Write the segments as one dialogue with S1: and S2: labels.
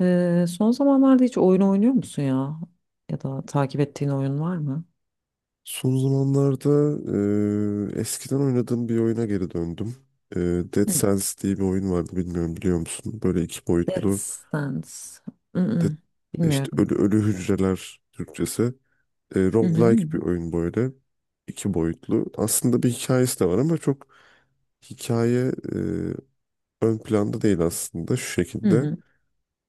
S1: Son zamanlarda hiç oyun oynuyor musun ya? Ya da takip ettiğin oyun var mı?
S2: Son zamanlarda eskiden oynadığım bir oyuna geri döndüm. Eee, Dead
S1: Hı.
S2: Cells diye bir oyun vardı, bilmiyorum, biliyor musun? Böyle iki
S1: Death
S2: boyutlu
S1: Stands.
S2: de,
S1: Mm-mm.
S2: işte
S1: Bilmiyorum.
S2: ölü ölü hücreler Türkçesi.
S1: Hı hı.
S2: Roguelike bir oyun böyle. İki boyutlu. Aslında bir hikayesi de var ama çok hikaye ön planda değil aslında, şu
S1: Hı
S2: şekilde.
S1: hı.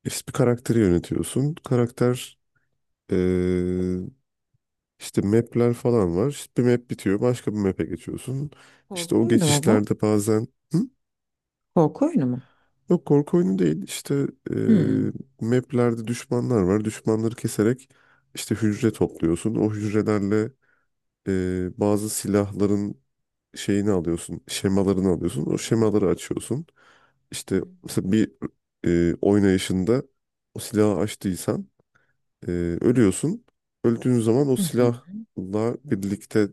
S2: İşte bir karakteri yönetiyorsun. Karakter eee, İşte map'ler falan var. İşte bir map bitiyor, başka bir map'e geçiyorsun. İşte
S1: Korku
S2: o
S1: oyunu mu bu?
S2: geçişlerde bazen... Hı?
S1: Korku oyunu mu?
S2: Yok, korku oyunu değil. İşte
S1: Hı.
S2: map'lerde düşmanlar var. Düşmanları keserek işte hücre topluyorsun. O hücrelerle bazı silahların şeyini alıyorsun. Şemalarını alıyorsun. O şemaları açıyorsun.
S1: Hı
S2: İşte
S1: hı.
S2: mesela bir oynayışında o silahı açtıysan e, ölüyorsun. Öldüğün zaman o
S1: Hı hı.
S2: silahla birlikte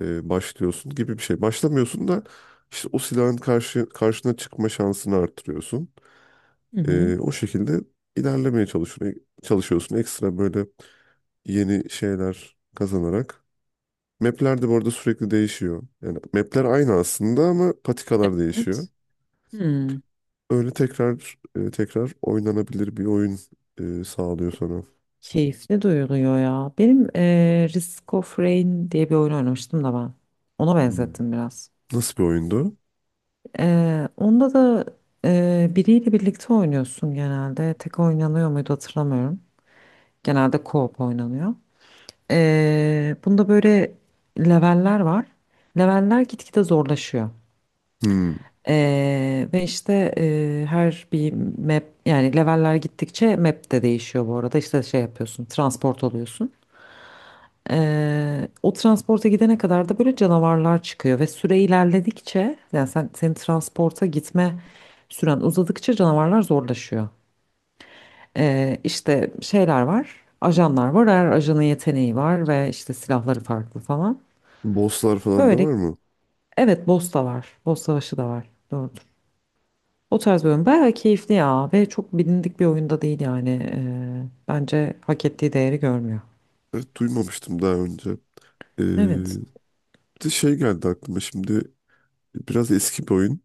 S2: başlıyorsun gibi bir şey. Başlamıyorsun da işte o silahın karşı karşına çıkma şansını arttırıyorsun.
S1: Hı hı.
S2: O şekilde ilerlemeye çalışıyorsun. Ekstra böyle yeni şeyler kazanarak. Map'ler de bu arada sürekli değişiyor. Yani map'ler aynı aslında ama patikalar değişiyor.
S1: Evet. Hı.
S2: Öyle tekrar tekrar oynanabilir bir oyun sağlıyor sana.
S1: Keyifli duyuluyor ya. Benim Risk of Rain diye bir oyun oynamıştım da ben. Ona
S2: Hmm.
S1: benzettim biraz.
S2: Nasıl bir oyundu?
S1: Onda da biriyle birlikte oynuyorsun genelde. Tek oynanıyor muydu hatırlamıyorum. Genelde co-op oynanıyor. Bunda böyle leveller var. Leveller gitgide zorlaşıyor.
S2: Hmm.
S1: Ve işte her bir map, yani leveller gittikçe map de değişiyor bu arada. İşte şey yapıyorsun, transport oluyorsun. O transporta gidene kadar da böyle canavarlar çıkıyor ve süre ilerledikçe, yani sen transporta gitme süren uzadıkça canavarlar zorlaşıyor. İşte şeyler var, ajanlar var. Her ajanın yeteneği var ve işte silahları farklı falan.
S2: Bosslar falan da
S1: Böyle
S2: var mı?
S1: evet, boss da var. Boss Savaşı da var. Doğrudur. O tarz bir oyun bayağı keyifli ya ve çok bilindik bir oyunda değil yani. Bence hak ettiği değeri görmüyor.
S2: Evet, duymamıştım daha önce. E,
S1: Evet.
S2: Bir de şey geldi aklıma şimdi, biraz eski bir oyun.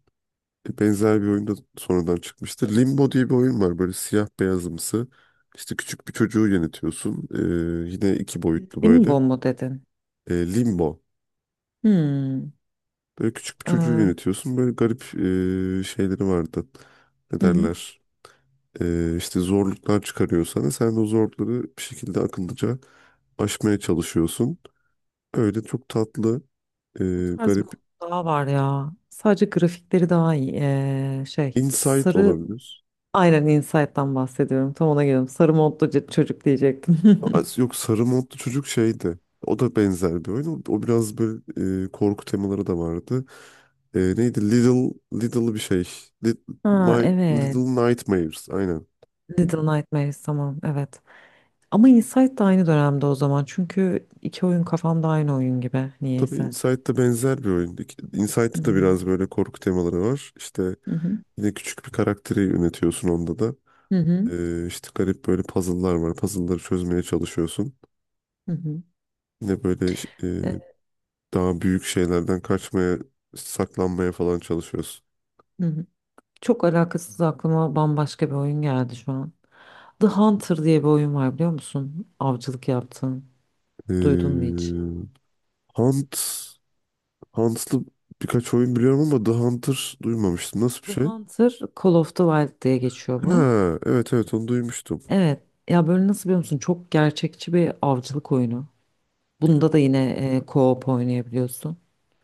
S2: Benzer bir oyun da sonradan çıkmıştı. Limbo diye bir oyun var, böyle siyah beyazımsı. İşte küçük bir çocuğu yönetiyorsun. Yine iki boyutlu
S1: Emin
S2: böyle.
S1: bomba dedin.
S2: Limbo.
S1: Hmm.
S2: Böyle küçük bir çocuğu
S1: Hı
S2: yönetiyorsun. Böyle garip şeyleri vardı. Ne
S1: hı.
S2: derler? İşte zorluklar çıkarıyor sana. Sen de o zorlukları bir şekilde akıllıca aşmaya çalışıyorsun. Öyle çok tatlı,
S1: Bu
S2: ee,
S1: tarz bir
S2: garip.
S1: oyun daha var ya. Sadece grafikleri daha iyi. Ee, şey
S2: Insight
S1: sarı
S2: olabilir.
S1: aynen Inside'dan bahsediyorum. Tam ona geliyorum. Sarı modlu c- çocuk diyecektim.
S2: Yok, sarı modlu çocuk şeydi. O da benzer bir oyun. O biraz böyle korku temaları da vardı. E, neydi? Little Little bir şey. Lit-
S1: Ha
S2: My Little
S1: evet.
S2: Nightmares. Aynen.
S1: Little Nightmares, tamam, evet. Ama Inside da aynı dönemde o zaman. Çünkü iki oyun kafamda aynı oyun gibi
S2: Tabii
S1: niyeyse.
S2: Inside'da benzer bir oyun. Inside'da da biraz
S1: Hmm.
S2: böyle korku temaları var. İşte
S1: Hı hı.
S2: yine küçük bir karakteri yönetiyorsun onda da.
S1: Hı hı.
S2: İşte garip böyle puzzle'lar var. Puzzle'ları çözmeye çalışıyorsun.
S1: Hı hı.
S2: Yine böyle e,
S1: Evet,
S2: daha büyük şeylerden kaçmaya, saklanmaya falan çalışıyorsun.
S1: hı hı. Çok alakasız aklıma bambaşka bir oyun geldi şu an. The Hunter diye bir oyun var, biliyor musun? Avcılık yaptın. Duydun mu hiç?
S2: Ee, Hunt, Hunt'lı birkaç oyun biliyorum ama The Hunter duymamıştım. Nasıl bir
S1: The
S2: şey?
S1: Hunter Call of the Wild diye geçiyor bu.
S2: Ha, evet evet, onu duymuştum.
S1: Evet. Ya böyle nasıl, biliyor musun? Çok gerçekçi bir avcılık oyunu. Bunda da yine co-op oynayabiliyorsun.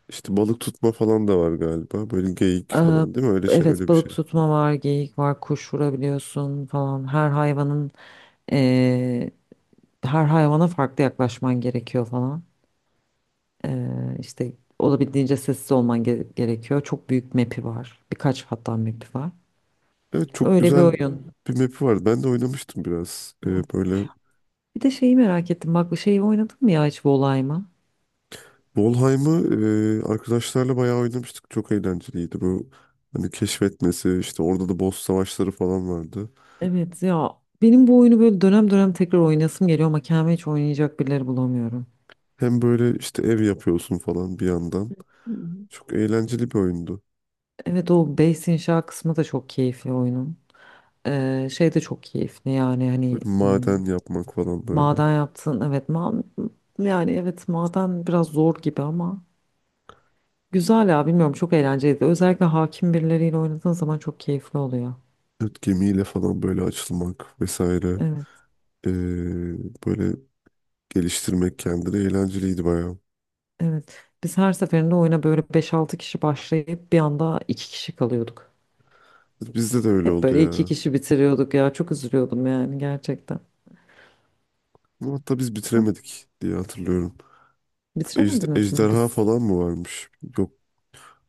S2: İşte balık tutma falan da var galiba. Böyle geyik
S1: Ee,
S2: falan değil mi? Öyle şey, öyle
S1: evet,
S2: bir
S1: balık
S2: şey.
S1: tutma var, geyik var, kuş vurabiliyorsun falan. Eee, Her hayvana farklı yaklaşman gerekiyor falan. İşte olabildiğince sessiz olman ge- gerekiyor. Çok büyük map'i var. Birkaç hatta map'i var.
S2: Evet, çok
S1: Öyle bir
S2: güzel
S1: oyun.
S2: bir map'i vardı. Ben de oynamıştım biraz.
S1: Evet.
S2: Böyle
S1: Bir de şeyi merak ettim. Bak, şeyi oynadın mı ya hiç, Volay mı?
S2: Valheim'ı arkadaşlarla bayağı oynamıştık. Çok eğlenceliydi bu. Hani keşfetmesi, işte orada da boss savaşları falan vardı.
S1: Evet ya, benim bu oyunu böyle dönem dönem tekrar oynasım geliyor ama kendime hiç oynayacak birileri bulamıyorum.
S2: Hem böyle işte ev yapıyorsun falan bir yandan.
S1: Hmm.
S2: Çok eğlenceli bir oyundu.
S1: Evet, o base inşa kısmı da çok keyifli oyunun. Şey de çok keyifli, yani hani
S2: Böyle
S1: m,
S2: maden yapmak falan böyle.
S1: maden yaptın evet ma yani evet, maden biraz zor gibi ama güzel ya, bilmiyorum, çok eğlenceliydi. Özellikle hakim birileriyle oynadığın zaman çok keyifli oluyor.
S2: Evet, gemiyle falan böyle açılmak vesaire.
S1: Evet,
S2: Ee, Böyle geliştirmek kendini eğlenceliydi bayağı.
S1: evet, biz her seferinde oyuna böyle beş altı kişi başlayıp bir anda 2 kişi kalıyorduk.
S2: Bizde de öyle
S1: Hep
S2: oldu
S1: böyle 2
S2: ya.
S1: kişi bitiriyorduk ya, çok üzülüyordum yani gerçekten.
S2: Ama hatta biz bitiremedik diye hatırlıyorum.
S1: Bitiremediniz mi?
S2: Ejderha
S1: Biz
S2: falan mı varmış? Yok.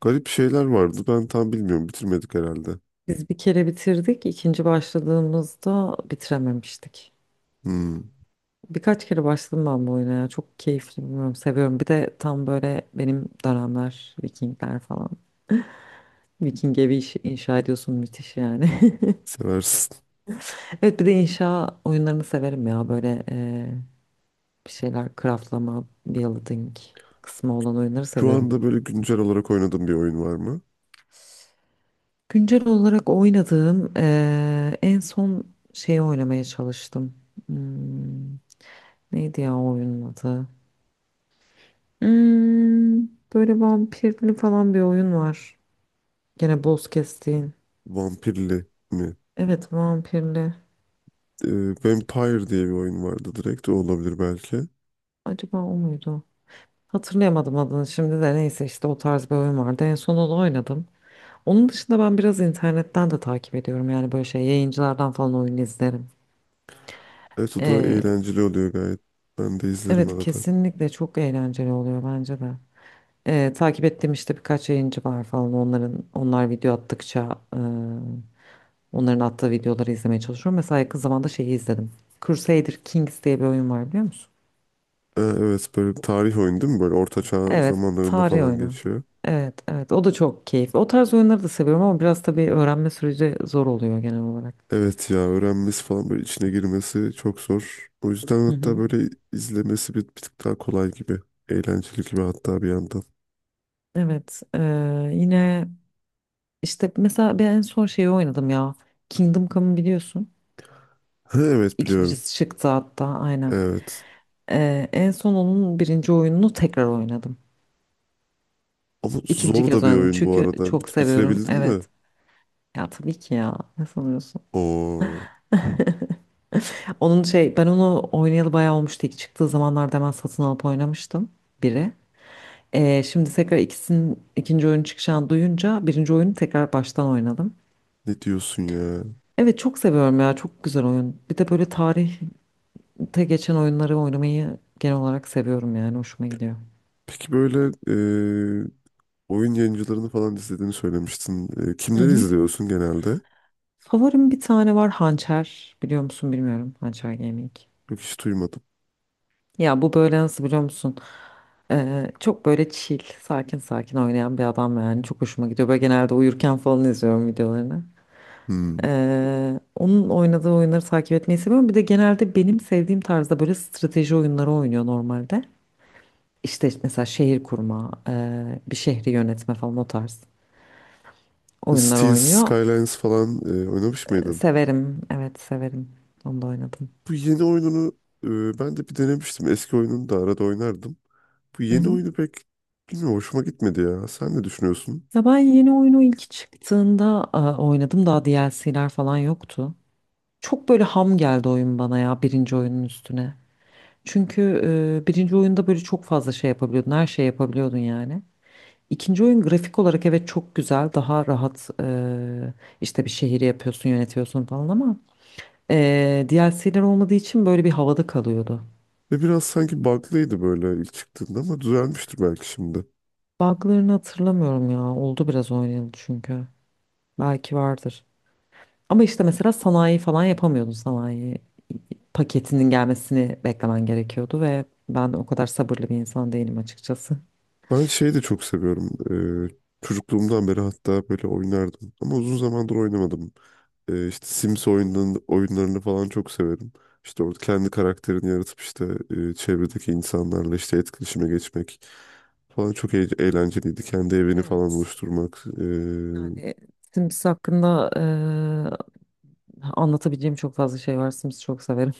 S2: Garip şeyler vardı. Ben tam bilmiyorum. Bitirmedik herhalde.
S1: biz bir kere bitirdik, ikinci başladığımızda bitirememiştik.
S2: Hmm,
S1: Birkaç kere başladım ben bu oyuna ya. Çok keyifli, bilmiyorum, seviyorum. Bir de tam böyle benim dönemler, Vikingler falan. Viking evi iş- inşa ediyorsun, müthiş yani.
S2: seversin.
S1: Evet, bir de inşa oyunlarını severim ya. Böyle bir şeyler craftlama, building kısmı olan oyunları
S2: Şu
S1: seviyorum.
S2: anda böyle güncel olarak oynadığım bir oyun var mı?
S1: Güncel olarak oynadığım en son şeyi oynamaya çalıştım. Hmm, neydi ya o oyunun adı? Hmm, böyle vampirli falan bir oyun var. Gene boss kestiğin.
S2: Vampirli mi?
S1: Evet, vampirli.
S2: Vampire diye bir oyun vardı direkt. O olabilir belki.
S1: Acaba o muydu? Hatırlayamadım adını şimdi de, neyse, işte o tarz bir oyun vardı. En son onu oynadım. Onun dışında ben biraz internetten de takip ediyorum. Yani böyle şey, yayıncılardan falan oyun izlerim.
S2: Evet, o da
S1: Ee,
S2: eğlenceli oluyor gayet. Ben de izlerim
S1: evet,
S2: arada.
S1: kesinlikle çok eğlenceli oluyor bence de. Takip ettiğim işte birkaç yayıncı var falan. Onlar video attıkça e, onların attığı videoları izlemeye çalışıyorum. Mesela yakın zamanda şeyi izledim. Crusader Kings diye bir oyun var, biliyor musun?
S2: Evet, böyle bir tarih oyunu değil mi? Böyle orta çağ
S1: Evet,
S2: zamanlarında
S1: tarih
S2: falan
S1: oyunu.
S2: geçiyor.
S1: Evet, evet. O da çok keyifli. O tarz oyunları da seviyorum ama biraz tabii öğrenme süreci zor oluyor genel olarak.
S2: Evet ya, öğrenmesi falan böyle içine girmesi çok zor. O yüzden
S1: Hı
S2: hatta
S1: hı.
S2: böyle izlemesi bir tık daha kolay gibi. Eğlenceli gibi hatta bir yandan.
S1: Evet, yine işte mesela ben en son şeyi oynadım ya. Kingdom Come'ı biliyorsun.
S2: Ha, evet biliyorum.
S1: İkincisi çıktı hatta, aynen.
S2: Evet.
S1: En son onun birinci oyununu tekrar oynadım.
S2: Ama
S1: İkinci
S2: zor
S1: kez
S2: da bir
S1: oynadım
S2: oyun bu
S1: çünkü
S2: arada.
S1: çok seviyorum.
S2: Bitirebildin mi?
S1: Evet. Ya tabii ki ya. Ne sanıyorsun?
S2: Oo,
S1: Onun şey, ben onu oynayalı bayağı olmuştu. İlk çıktığı zamanlarda hemen satın alıp oynamıştım. Biri. Şimdi tekrar ikisinin ikinci oyun çıkacağını duyunca birinci oyunu tekrar baştan oynadım.
S2: ne diyorsun ya?
S1: Evet, çok seviyorum ya, çok güzel oyun. Bir de böyle tarihte geçen oyunları oynamayı genel olarak seviyorum yani, hoşuma gidiyor.
S2: Peki böyle e, oyun yayıncılarını falan izlediğini söylemiştin. E,
S1: Hı
S2: kimleri
S1: hı.
S2: izliyorsun genelde?
S1: Favorim bir tane var, Hançer, biliyor musun bilmiyorum, Hançer Gaming.
S2: Yok, hiç duymadım.
S1: Ya bu böyle nasıl, biliyor musun? Çok böyle chill, sakin sakin oynayan bir adam yani, çok hoşuma gidiyor. Böyle genelde uyurken falan izliyorum videolarını.
S2: Hmm.
S1: Onun oynadığı oyunları takip etmeyi seviyorum. Bir de genelde benim sevdiğim tarzda böyle strateji oyunları oynuyor normalde. İşte mesela şehir kurma, bir şehri yönetme falan, o tarz oyunlar
S2: Steel
S1: oynuyor.
S2: Skylines falan oynamış
S1: E,
S2: mıydın?
S1: severim, evet, severim. Onu da oynadım.
S2: Bu yeni oyununu ben de bir denemiştim. Eski oyununu da arada oynardım. Bu
S1: Hı
S2: yeni
S1: hı.
S2: oyunu pek bilmiyorum, hoşuma gitmedi ya. Sen ne düşünüyorsun?
S1: Ya ben yeni oyunu ilk çıktığında oynadım. Daha DLC'ler falan yoktu. Çok böyle ham geldi oyun bana ya, birinci oyunun üstüne. Çünkü birinci oyunda böyle çok fazla şey yapabiliyordun. Her şey yapabiliyordun yani. İkinci oyun grafik olarak evet çok güzel. Daha rahat işte bir şehri yapıyorsun, yönetiyorsun falan ama DLC'ler olmadığı için böyle bir havada kalıyordu.
S2: Ve biraz sanki bug'lıydı böyle ilk çıktığında ama düzelmiştir belki şimdi.
S1: Bug'larını hatırlamıyorum ya. Oldu biraz oynayalı çünkü. Belki vardır. Ama işte mesela sanayi falan yapamıyordun. Sanayi paketinin gelmesini beklemen gerekiyordu ve ben de o kadar sabırlı bir insan değilim açıkçası.
S2: Ben şeyi de çok seviyorum. Çocukluğumdan beri hatta böyle oynardım. Ama uzun zamandır oynamadım. İşte Sims oyunlarını falan çok severim. İşte orada kendi karakterini yaratıp işte çevredeki insanlarla işte etkileşime geçmek falan çok eğlenceliydi. Kendi evini falan
S1: Evet.
S2: oluşturmak. E,
S1: Yani Sims hakkında anlatabileceğim çok fazla şey var. Sims'i çok severim.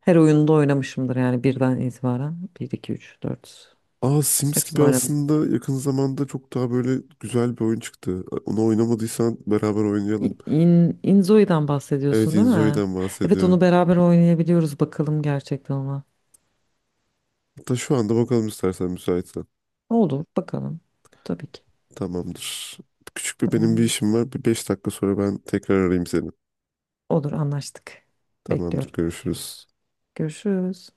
S1: Her oyunda oynamışımdır yani, birden itibaren. Bir, iki, üç, dört.
S2: aa, Sims gibi
S1: Hepsini oynadım.
S2: aslında yakın zamanda çok daha böyle güzel bir oyun çıktı. Onu oynamadıysan beraber
S1: İ-
S2: oynayalım.
S1: İn, Inzoi'den
S2: Evet,
S1: bahsediyorsun değil mi?
S2: Inzoi'den
S1: Evet, onu
S2: bahsediyorum.
S1: beraber oynayabiliyoruz. Bakalım gerçekten ona.
S2: Hatta şu anda bakalım, istersen, müsaitsen.
S1: Olur, bakalım. Tabii ki.
S2: Tamamdır. Küçük bir, benim bir
S1: Tamam.
S2: işim var. Bir 5 dakika sonra ben tekrar arayayım seni.
S1: Olur, anlaştık.
S2: Tamamdır,
S1: Bekliyorum.
S2: görüşürüz.
S1: Görüşürüz.